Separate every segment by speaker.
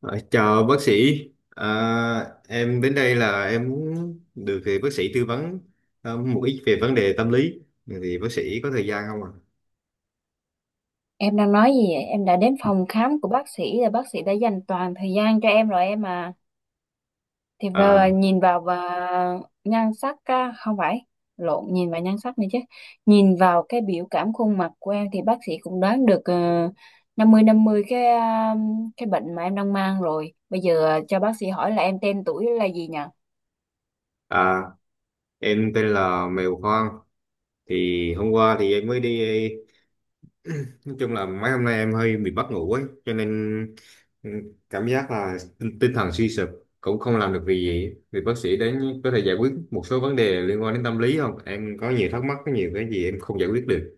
Speaker 1: Ờ, Chào bác sĩ, à, em đến đây là em muốn được thì bác sĩ tư vấn một ít về vấn đề tâm lý, thì bác sĩ có thời gian không ạ?
Speaker 2: Em đang nói gì vậy? Em đã đến phòng khám của bác sĩ rồi, bác sĩ đã dành toàn thời gian cho em rồi em à. Thì vờ
Speaker 1: À,
Speaker 2: nhìn vào và nhan sắc á, không phải lộn nhìn vào nhan sắc nữa chứ. Nhìn vào cái biểu cảm khuôn mặt của em thì bác sĩ cũng đoán được năm mươi cái bệnh mà em đang mang rồi. Bây giờ cho bác sĩ hỏi là em tên tuổi là gì nhỉ?
Speaker 1: à, em tên là Mèo Hoang, thì hôm qua thì em mới đi, nói chung là mấy hôm nay em hơi bị mất ngủ ấy, cho nên ừ, cảm giác là tinh thần suy sụp, cũng không làm được việc gì. Thì bác sĩ đến có thể giải quyết một số vấn đề liên quan đến tâm lý không? Em có nhiều thắc mắc, có nhiều cái gì em không giải quyết được.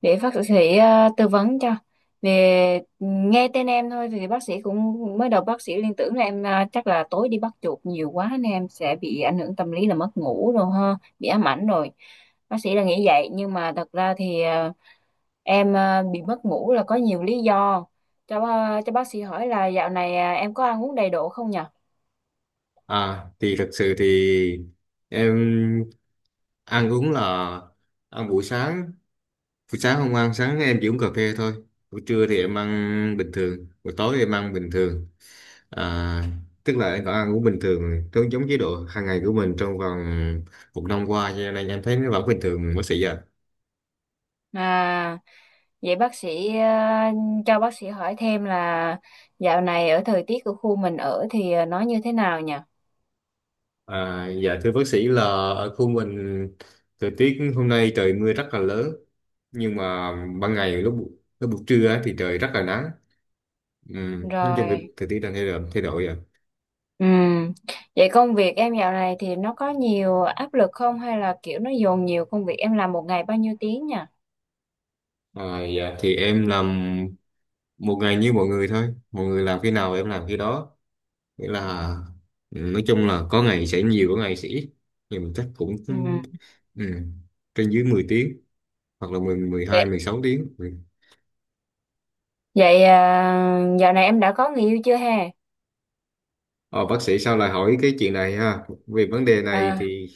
Speaker 2: Để bác sĩ tư vấn cho, về nghe tên em thôi thì bác sĩ cũng mới đầu bác sĩ liên tưởng là em chắc là tối đi bắt chuột nhiều quá nên em sẽ bị ảnh hưởng tâm lý là mất ngủ rồi ha, bị ám ảnh rồi. Bác sĩ là nghĩ vậy nhưng mà thật ra thì em bị mất ngủ là có nhiều lý do. Cho bác sĩ hỏi là dạo này em có ăn uống đầy đủ không nhỉ?
Speaker 1: À, thì thật sự thì em ăn uống là ăn buổi sáng không ăn, sáng em chỉ uống cà phê thôi. Buổi trưa thì em ăn bình thường, buổi tối em ăn bình thường. À, tức là em vẫn ăn uống bình thường, giống giống chế độ hàng ngày của mình trong vòng một năm qua, cho nên em thấy nó vẫn bình thường bác sĩ ạ.
Speaker 2: à vậy bác sĩ cho bác sĩ hỏi thêm là dạo này ở thời tiết của khu mình ở thì nó như thế nào nhỉ?
Speaker 1: À, dạ thưa bác sĩ là ở khu mình thời tiết hôm nay trời mưa rất là lớn, nhưng mà ban ngày lúc lúc buổi trưa á thì trời rất là nắng. Ừ, nói chung thì
Speaker 2: Rồi,
Speaker 1: thời tiết đang thay đổi rồi.
Speaker 2: ừm. Vậy công việc em dạo này thì nó có nhiều áp lực không hay là kiểu nó dồn nhiều công việc, em làm một ngày bao nhiêu tiếng nhỉ?
Speaker 1: À, dạ, thì em làm một ngày như mọi người thôi, mọi người làm khi nào em làm khi đó, nghĩa là nói chung là có ngày sẽ nhiều có ngày sẽ ít, thì mình chắc cũng
Speaker 2: Ừm.
Speaker 1: ừ, trên dưới 10 tiếng, hoặc là 10 mười
Speaker 2: Vậy
Speaker 1: hai 16 tiếng .
Speaker 2: vậy à, dạo này em đã có người yêu chưa ha?
Speaker 1: Ờ, bác sĩ sao lại hỏi cái chuyện này ha? Về vấn đề này
Speaker 2: À,
Speaker 1: thì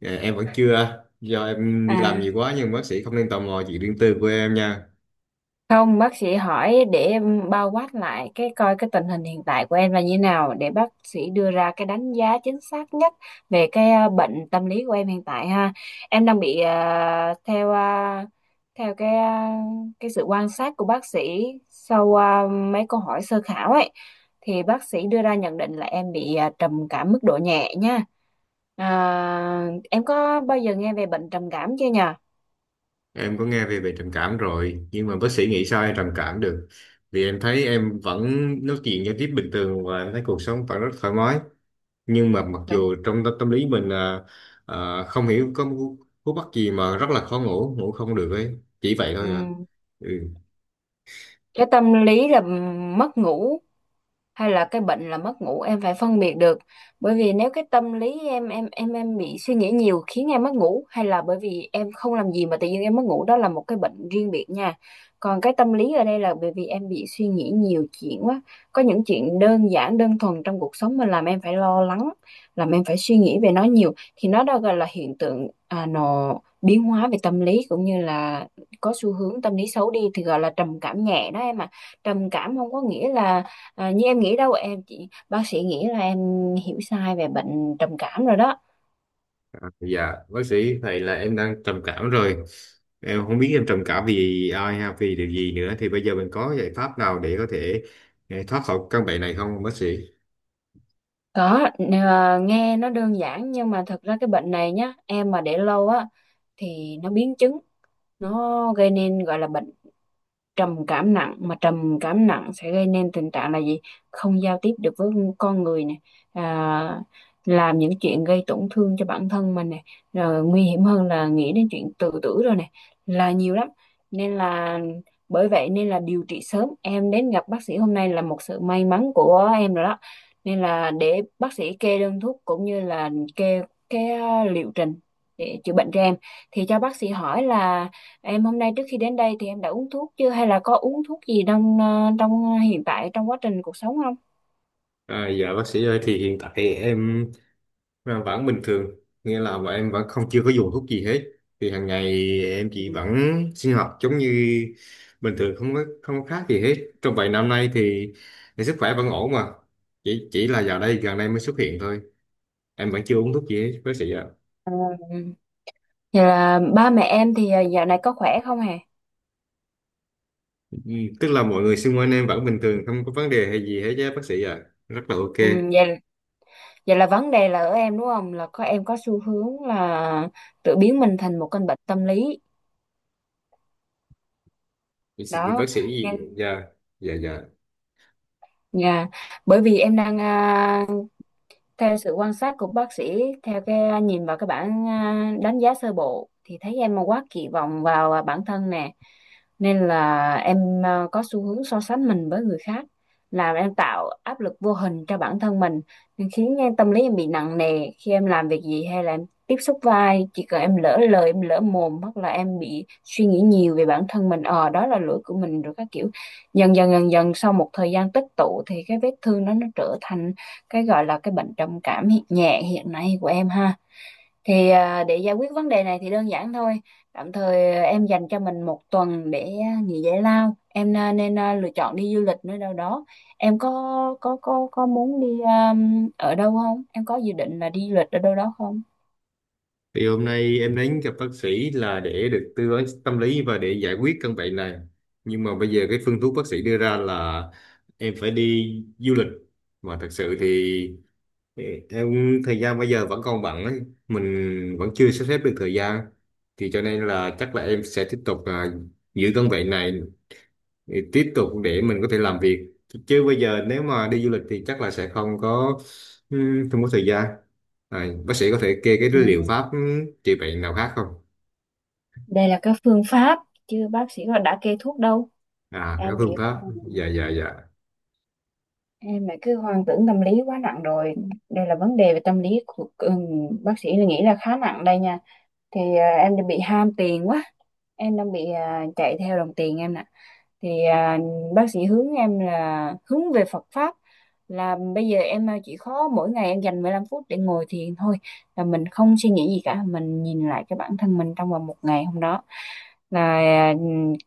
Speaker 1: em vẫn chưa, do em đi
Speaker 2: à.
Speaker 1: làm nhiều quá, nhưng bác sĩ không nên tò mò chuyện riêng tư của em nha.
Speaker 2: Không, bác sĩ hỏi để em bao quát lại cái coi cái tình hình hiện tại của em là như nào để bác sĩ đưa ra cái đánh giá chính xác nhất về cái bệnh tâm lý của em hiện tại ha. Em đang bị theo theo cái sự quan sát của bác sĩ sau mấy câu hỏi sơ khảo ấy thì bác sĩ đưa ra nhận định là em bị trầm cảm mức độ nhẹ nha. À, em có bao giờ nghe về bệnh trầm cảm chưa nhờ?
Speaker 1: Em có nghe về về trầm cảm rồi, nhưng mà bác sĩ nghĩ sao em trầm cảm được, vì em thấy em vẫn nói chuyện giao tiếp bình thường và em thấy cuộc sống vẫn rất thoải mái, nhưng mà mặc
Speaker 2: Đúng.
Speaker 1: dù trong tâm lý mình không hiểu có một cú bắt gì mà rất là khó ngủ ngủ không được ấy, chỉ vậy thôi à
Speaker 2: Ừm.
Speaker 1: ừ.
Speaker 2: Cái tâm lý là mất ngủ hay là cái bệnh là mất ngủ em phải phân biệt được, bởi vì nếu cái tâm lý em bị suy nghĩ nhiều khiến em mất ngủ, hay là bởi vì em không làm gì mà tự nhiên em mất ngủ, đó là một cái bệnh riêng biệt nha. Còn cái tâm lý ở đây là bởi vì em bị suy nghĩ nhiều chuyện quá, có những chuyện đơn giản đơn thuần trong cuộc sống mà làm em phải lo lắng, làm em phải suy nghĩ về nó nhiều thì nó đó gọi là hiện tượng, nó biến hóa về tâm lý cũng như là có xu hướng tâm lý xấu đi thì gọi là trầm cảm nhẹ đó em ạ. Trầm cảm không có nghĩa là À, như em nghĩ đâu em, chị bác sĩ nghĩ là em hiểu sai về bệnh trầm cảm rồi đó.
Speaker 1: Dạ bác sĩ, vậy là em đang trầm cảm rồi, em không biết em trầm cảm vì ai hay vì điều gì nữa, thì bây giờ mình có giải pháp nào để có thể thoát khỏi căn bệnh này không bác sĩ?
Speaker 2: Có, nghe nó đơn giản nhưng mà thật ra cái bệnh này nhá em, mà để lâu á thì nó biến chứng, nó gây nên gọi là bệnh trầm cảm nặng. Mà trầm cảm nặng sẽ gây nên tình trạng là gì: không giao tiếp được với con người nè à, làm những chuyện gây tổn thương cho bản thân mình nè, rồi nguy hiểm hơn là nghĩ đến chuyện tự tử rồi nè, là nhiều lắm. Nên là bởi vậy nên là điều trị sớm, em đến gặp bác sĩ hôm nay là một sự may mắn của em rồi đó. Nên là để bác sĩ kê đơn thuốc cũng như là kê cái liệu trình để chữa bệnh cho em. Thì cho bác sĩ hỏi là em hôm nay trước khi đến đây thì em đã uống thuốc chưa, hay là có uống thuốc gì đang trong hiện tại, trong quá trình cuộc sống không?
Speaker 1: À, dạ bác sĩ ơi, thì hiện tại em là vẫn bình thường, nghĩa là bọn em vẫn không chưa có dùng thuốc gì hết, thì hàng ngày em chỉ
Speaker 2: Ừ.
Speaker 1: vẫn sinh hoạt giống như bình thường, không có khác gì hết trong vài năm nay thì sức khỏe vẫn ổn mà chỉ là dạo đây gần đây mới xuất hiện thôi, em vẫn chưa uống thuốc gì hết bác sĩ ạ.
Speaker 2: Ừ. Vậy là ba mẹ em thì dạo này có khỏe không hề?
Speaker 1: Ừ, tức là mọi người xung quanh em vẫn bình thường không có vấn đề hay gì hết chứ bác sĩ ạ, rất là ok.
Speaker 2: Ừ, vậy, vậy là vấn đề là ở em đúng không? Là có, em có xu hướng là tự biến mình thành một căn bệnh tâm lý
Speaker 1: Thì bác
Speaker 2: đó,
Speaker 1: sĩ.
Speaker 2: nên
Speaker 1: Dạ, dạ, dạ.
Speaker 2: nhà, bởi vì em đang, theo sự quan sát của bác sĩ, theo cái nhìn vào cái bản đánh giá sơ bộ thì thấy em quá kỳ vọng vào bản thân nè, nên là em có xu hướng so sánh mình với người khác, làm em tạo áp lực vô hình cho bản thân mình, nên khiến em tâm lý em bị nặng nề khi em làm việc gì hay là em tiếp xúc với ai, chỉ cần em lỡ lời em lỡ mồm hoặc là em bị suy nghĩ nhiều về bản thân mình, đó là lỗi của mình rồi các kiểu. Dần dần sau một thời gian tích tụ thì cái vết thương đó nó trở thành cái gọi là cái bệnh trầm cảm hiện nhẹ hiện nay của em ha. Thì để giải quyết vấn đề này thì đơn giản thôi, tạm thời em dành cho mình một tuần để nghỉ giải lao, em nên lựa chọn đi du lịch nơi đâu đó. Em có muốn đi ở đâu không, em có dự định là đi du lịch ở đâu đó không?
Speaker 1: Thì hôm nay em đến gặp bác sĩ là để được tư vấn tâm lý và để giải quyết căn bệnh này. Nhưng mà bây giờ cái phương thuốc bác sĩ đưa ra là em phải đi du lịch. Mà thật sự thì em thời gian bây giờ vẫn còn bận ấy. Mình vẫn chưa sắp xếp được thời gian. Thì cho nên là chắc là em sẽ tiếp tục giữ căn bệnh này thì tiếp tục để mình có thể làm việc, chứ bây giờ nếu mà đi du lịch thì chắc là sẽ không có không có thời gian, bác sĩ có thể kê cái
Speaker 2: Ừ.
Speaker 1: liệu pháp trị bệnh nào khác không?
Speaker 2: Đây là cái phương pháp chứ bác sĩ họ đã kê thuốc đâu,
Speaker 1: À, cái
Speaker 2: em bị
Speaker 1: phương pháp, dạ, dạ, dạ.
Speaker 2: em lại cứ hoang tưởng tâm lý quá nặng rồi. Đây là vấn đề về tâm lý của bác sĩ là nghĩ là khá nặng đây nha. Thì em đang bị ham tiền quá, em đang bị chạy theo đồng tiền em nè. Thì bác sĩ hướng em là hướng về Phật pháp, là bây giờ em chỉ có mỗi ngày em dành 15 phút để ngồi thiền thôi, là mình không suy nghĩ gì cả, mình nhìn lại cái bản thân mình trong vòng một ngày hôm đó. Là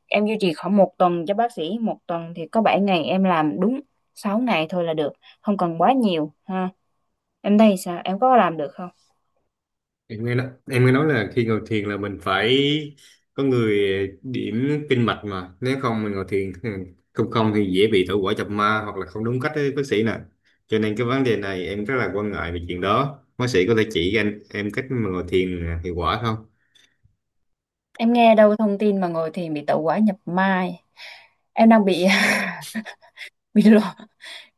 Speaker 2: em duy trì khoảng một tuần cho bác sĩ, một tuần thì có 7 ngày, em làm đúng 6 ngày thôi là được, không cần quá nhiều ha. Em thấy sao, em có làm được không?
Speaker 1: Em em nghe nói là khi ngồi thiền là mình phải có người điểm kinh mạch, mà nếu không mình ngồi thiền không không thì dễ bị thổ quả chập ma hoặc là không đúng cách đấy bác sĩ nè, cho nên cái vấn đề này em rất là quan ngại về chuyện đó, bác sĩ có thể chỉ cho anh em cách mà ngồi thiền hiệu quả không?
Speaker 2: Em nghe đâu thông tin mà ngồi thiền bị tẩu hỏa nhập mai. Em đang bị bị lộ,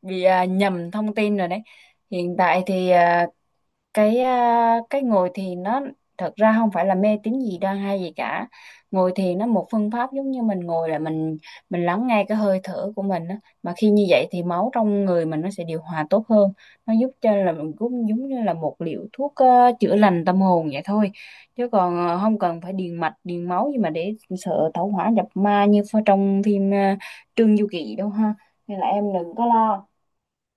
Speaker 2: bị nhầm thông tin rồi đấy. Hiện tại thì cái ngồi thiền nó thật ra không phải là mê tín gì đoan hay gì cả. Ngồi thiền nó một phương pháp giống như mình ngồi, là mình lắng nghe cái hơi thở của mình á, mà khi như vậy thì máu trong người mình nó sẽ điều hòa tốt hơn. Nó giúp cho là mình cũng giống như là một liệu thuốc chữa lành tâm hồn vậy thôi, chứ còn không cần phải điền mạch điền máu gì mà để sợ tẩu hỏa nhập ma như trong phim Trương Du Kỳ đâu ha. Nên là em đừng có lo,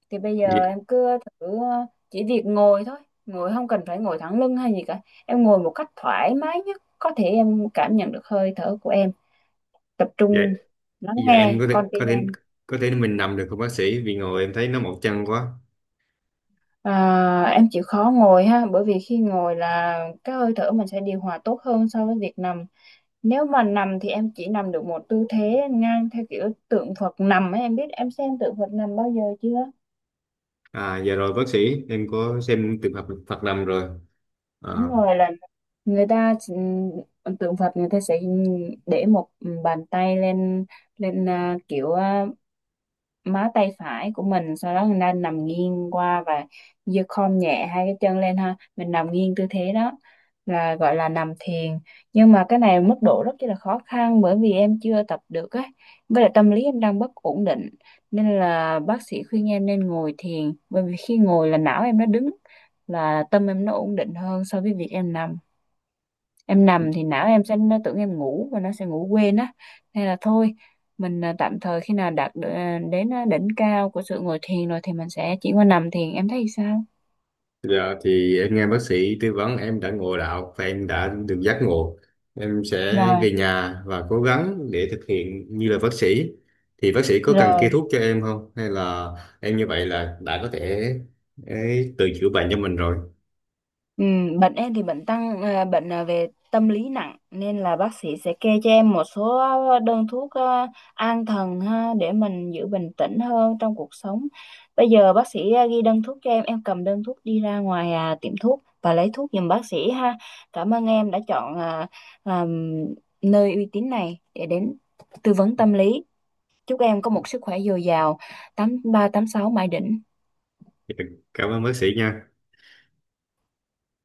Speaker 2: thì bây
Speaker 1: Dạ.
Speaker 2: giờ em cứ thử chỉ việc ngồi thôi, ngồi không cần phải ngồi thẳng lưng hay gì cả, em ngồi một cách thoải mái nhất có thể, em cảm nhận được hơi thở của em, tập
Speaker 1: Vậy,
Speaker 2: trung lắng
Speaker 1: giờ em
Speaker 2: nghe
Speaker 1: có thể,
Speaker 2: con
Speaker 1: có
Speaker 2: tim
Speaker 1: thể
Speaker 2: em.
Speaker 1: có thể mình nằm được không bác sĩ, vì ngồi em thấy nó mỏi chân quá.
Speaker 2: Em chịu khó ngồi ha, bởi vì khi ngồi là cái hơi thở mình sẽ điều hòa tốt hơn so với việc nằm. Nếu mà nằm thì em chỉ nằm được một tư thế ngang theo kiểu tượng Phật nằm ấy, em biết, em xem tượng Phật nằm bao giờ chưa?
Speaker 1: À giờ rồi bác sĩ, em có xem trường hợp Phật nằm rồi. À,
Speaker 2: Đúng rồi, là người ta tượng Phật người ta sẽ để một bàn tay lên, lên kiểu má tay phải của mình, sau đó người ta nằm nghiêng qua và giơ khom nhẹ hai cái chân lên ha, mình nằm nghiêng tư thế đó là gọi là nằm thiền. Nhưng mà cái này mức độ rất là khó khăn bởi vì em chưa tập được ấy, với lại tâm lý em đang bất ổn định nên là bác sĩ khuyên em nên ngồi thiền, bởi vì khi ngồi là não em nó đứng, là tâm em nó ổn định hơn so với việc em nằm. Em nằm thì não em sẽ nó tưởng em ngủ và nó sẽ ngủ quên á, nên là thôi mình tạm thời khi nào đạt được, đến đỉnh cao của sự ngồi thiền rồi thì mình sẽ chuyển qua nằm thiền, em thấy sao?
Speaker 1: giờ thì em nghe bác sĩ tư vấn em đã ngộ đạo và em đã được giác ngộ. Em sẽ
Speaker 2: Rồi,
Speaker 1: về nhà và cố gắng để thực hiện như là bác sĩ. Thì bác sĩ có cần kê
Speaker 2: rồi.
Speaker 1: thuốc cho em không? Hay là em như vậy là đã có thể ấy, tự chữa bệnh cho mình rồi.
Speaker 2: Ừ, bệnh em thì bệnh về tâm lý nặng nên là bác sĩ sẽ kê cho em một số đơn thuốc an thần ha, để mình giữ bình tĩnh hơn trong cuộc sống. Bây giờ bác sĩ ghi đơn thuốc cho em cầm đơn thuốc đi ra ngoài tiệm thuốc và lấy thuốc giùm bác sĩ ha. Cảm ơn em đã chọn à, nơi uy tín này để đến tư vấn tâm lý. Chúc em có một sức khỏe dồi dào, 88386 mãi đỉnh.
Speaker 1: Dạ, cảm ơn bác sĩ nha.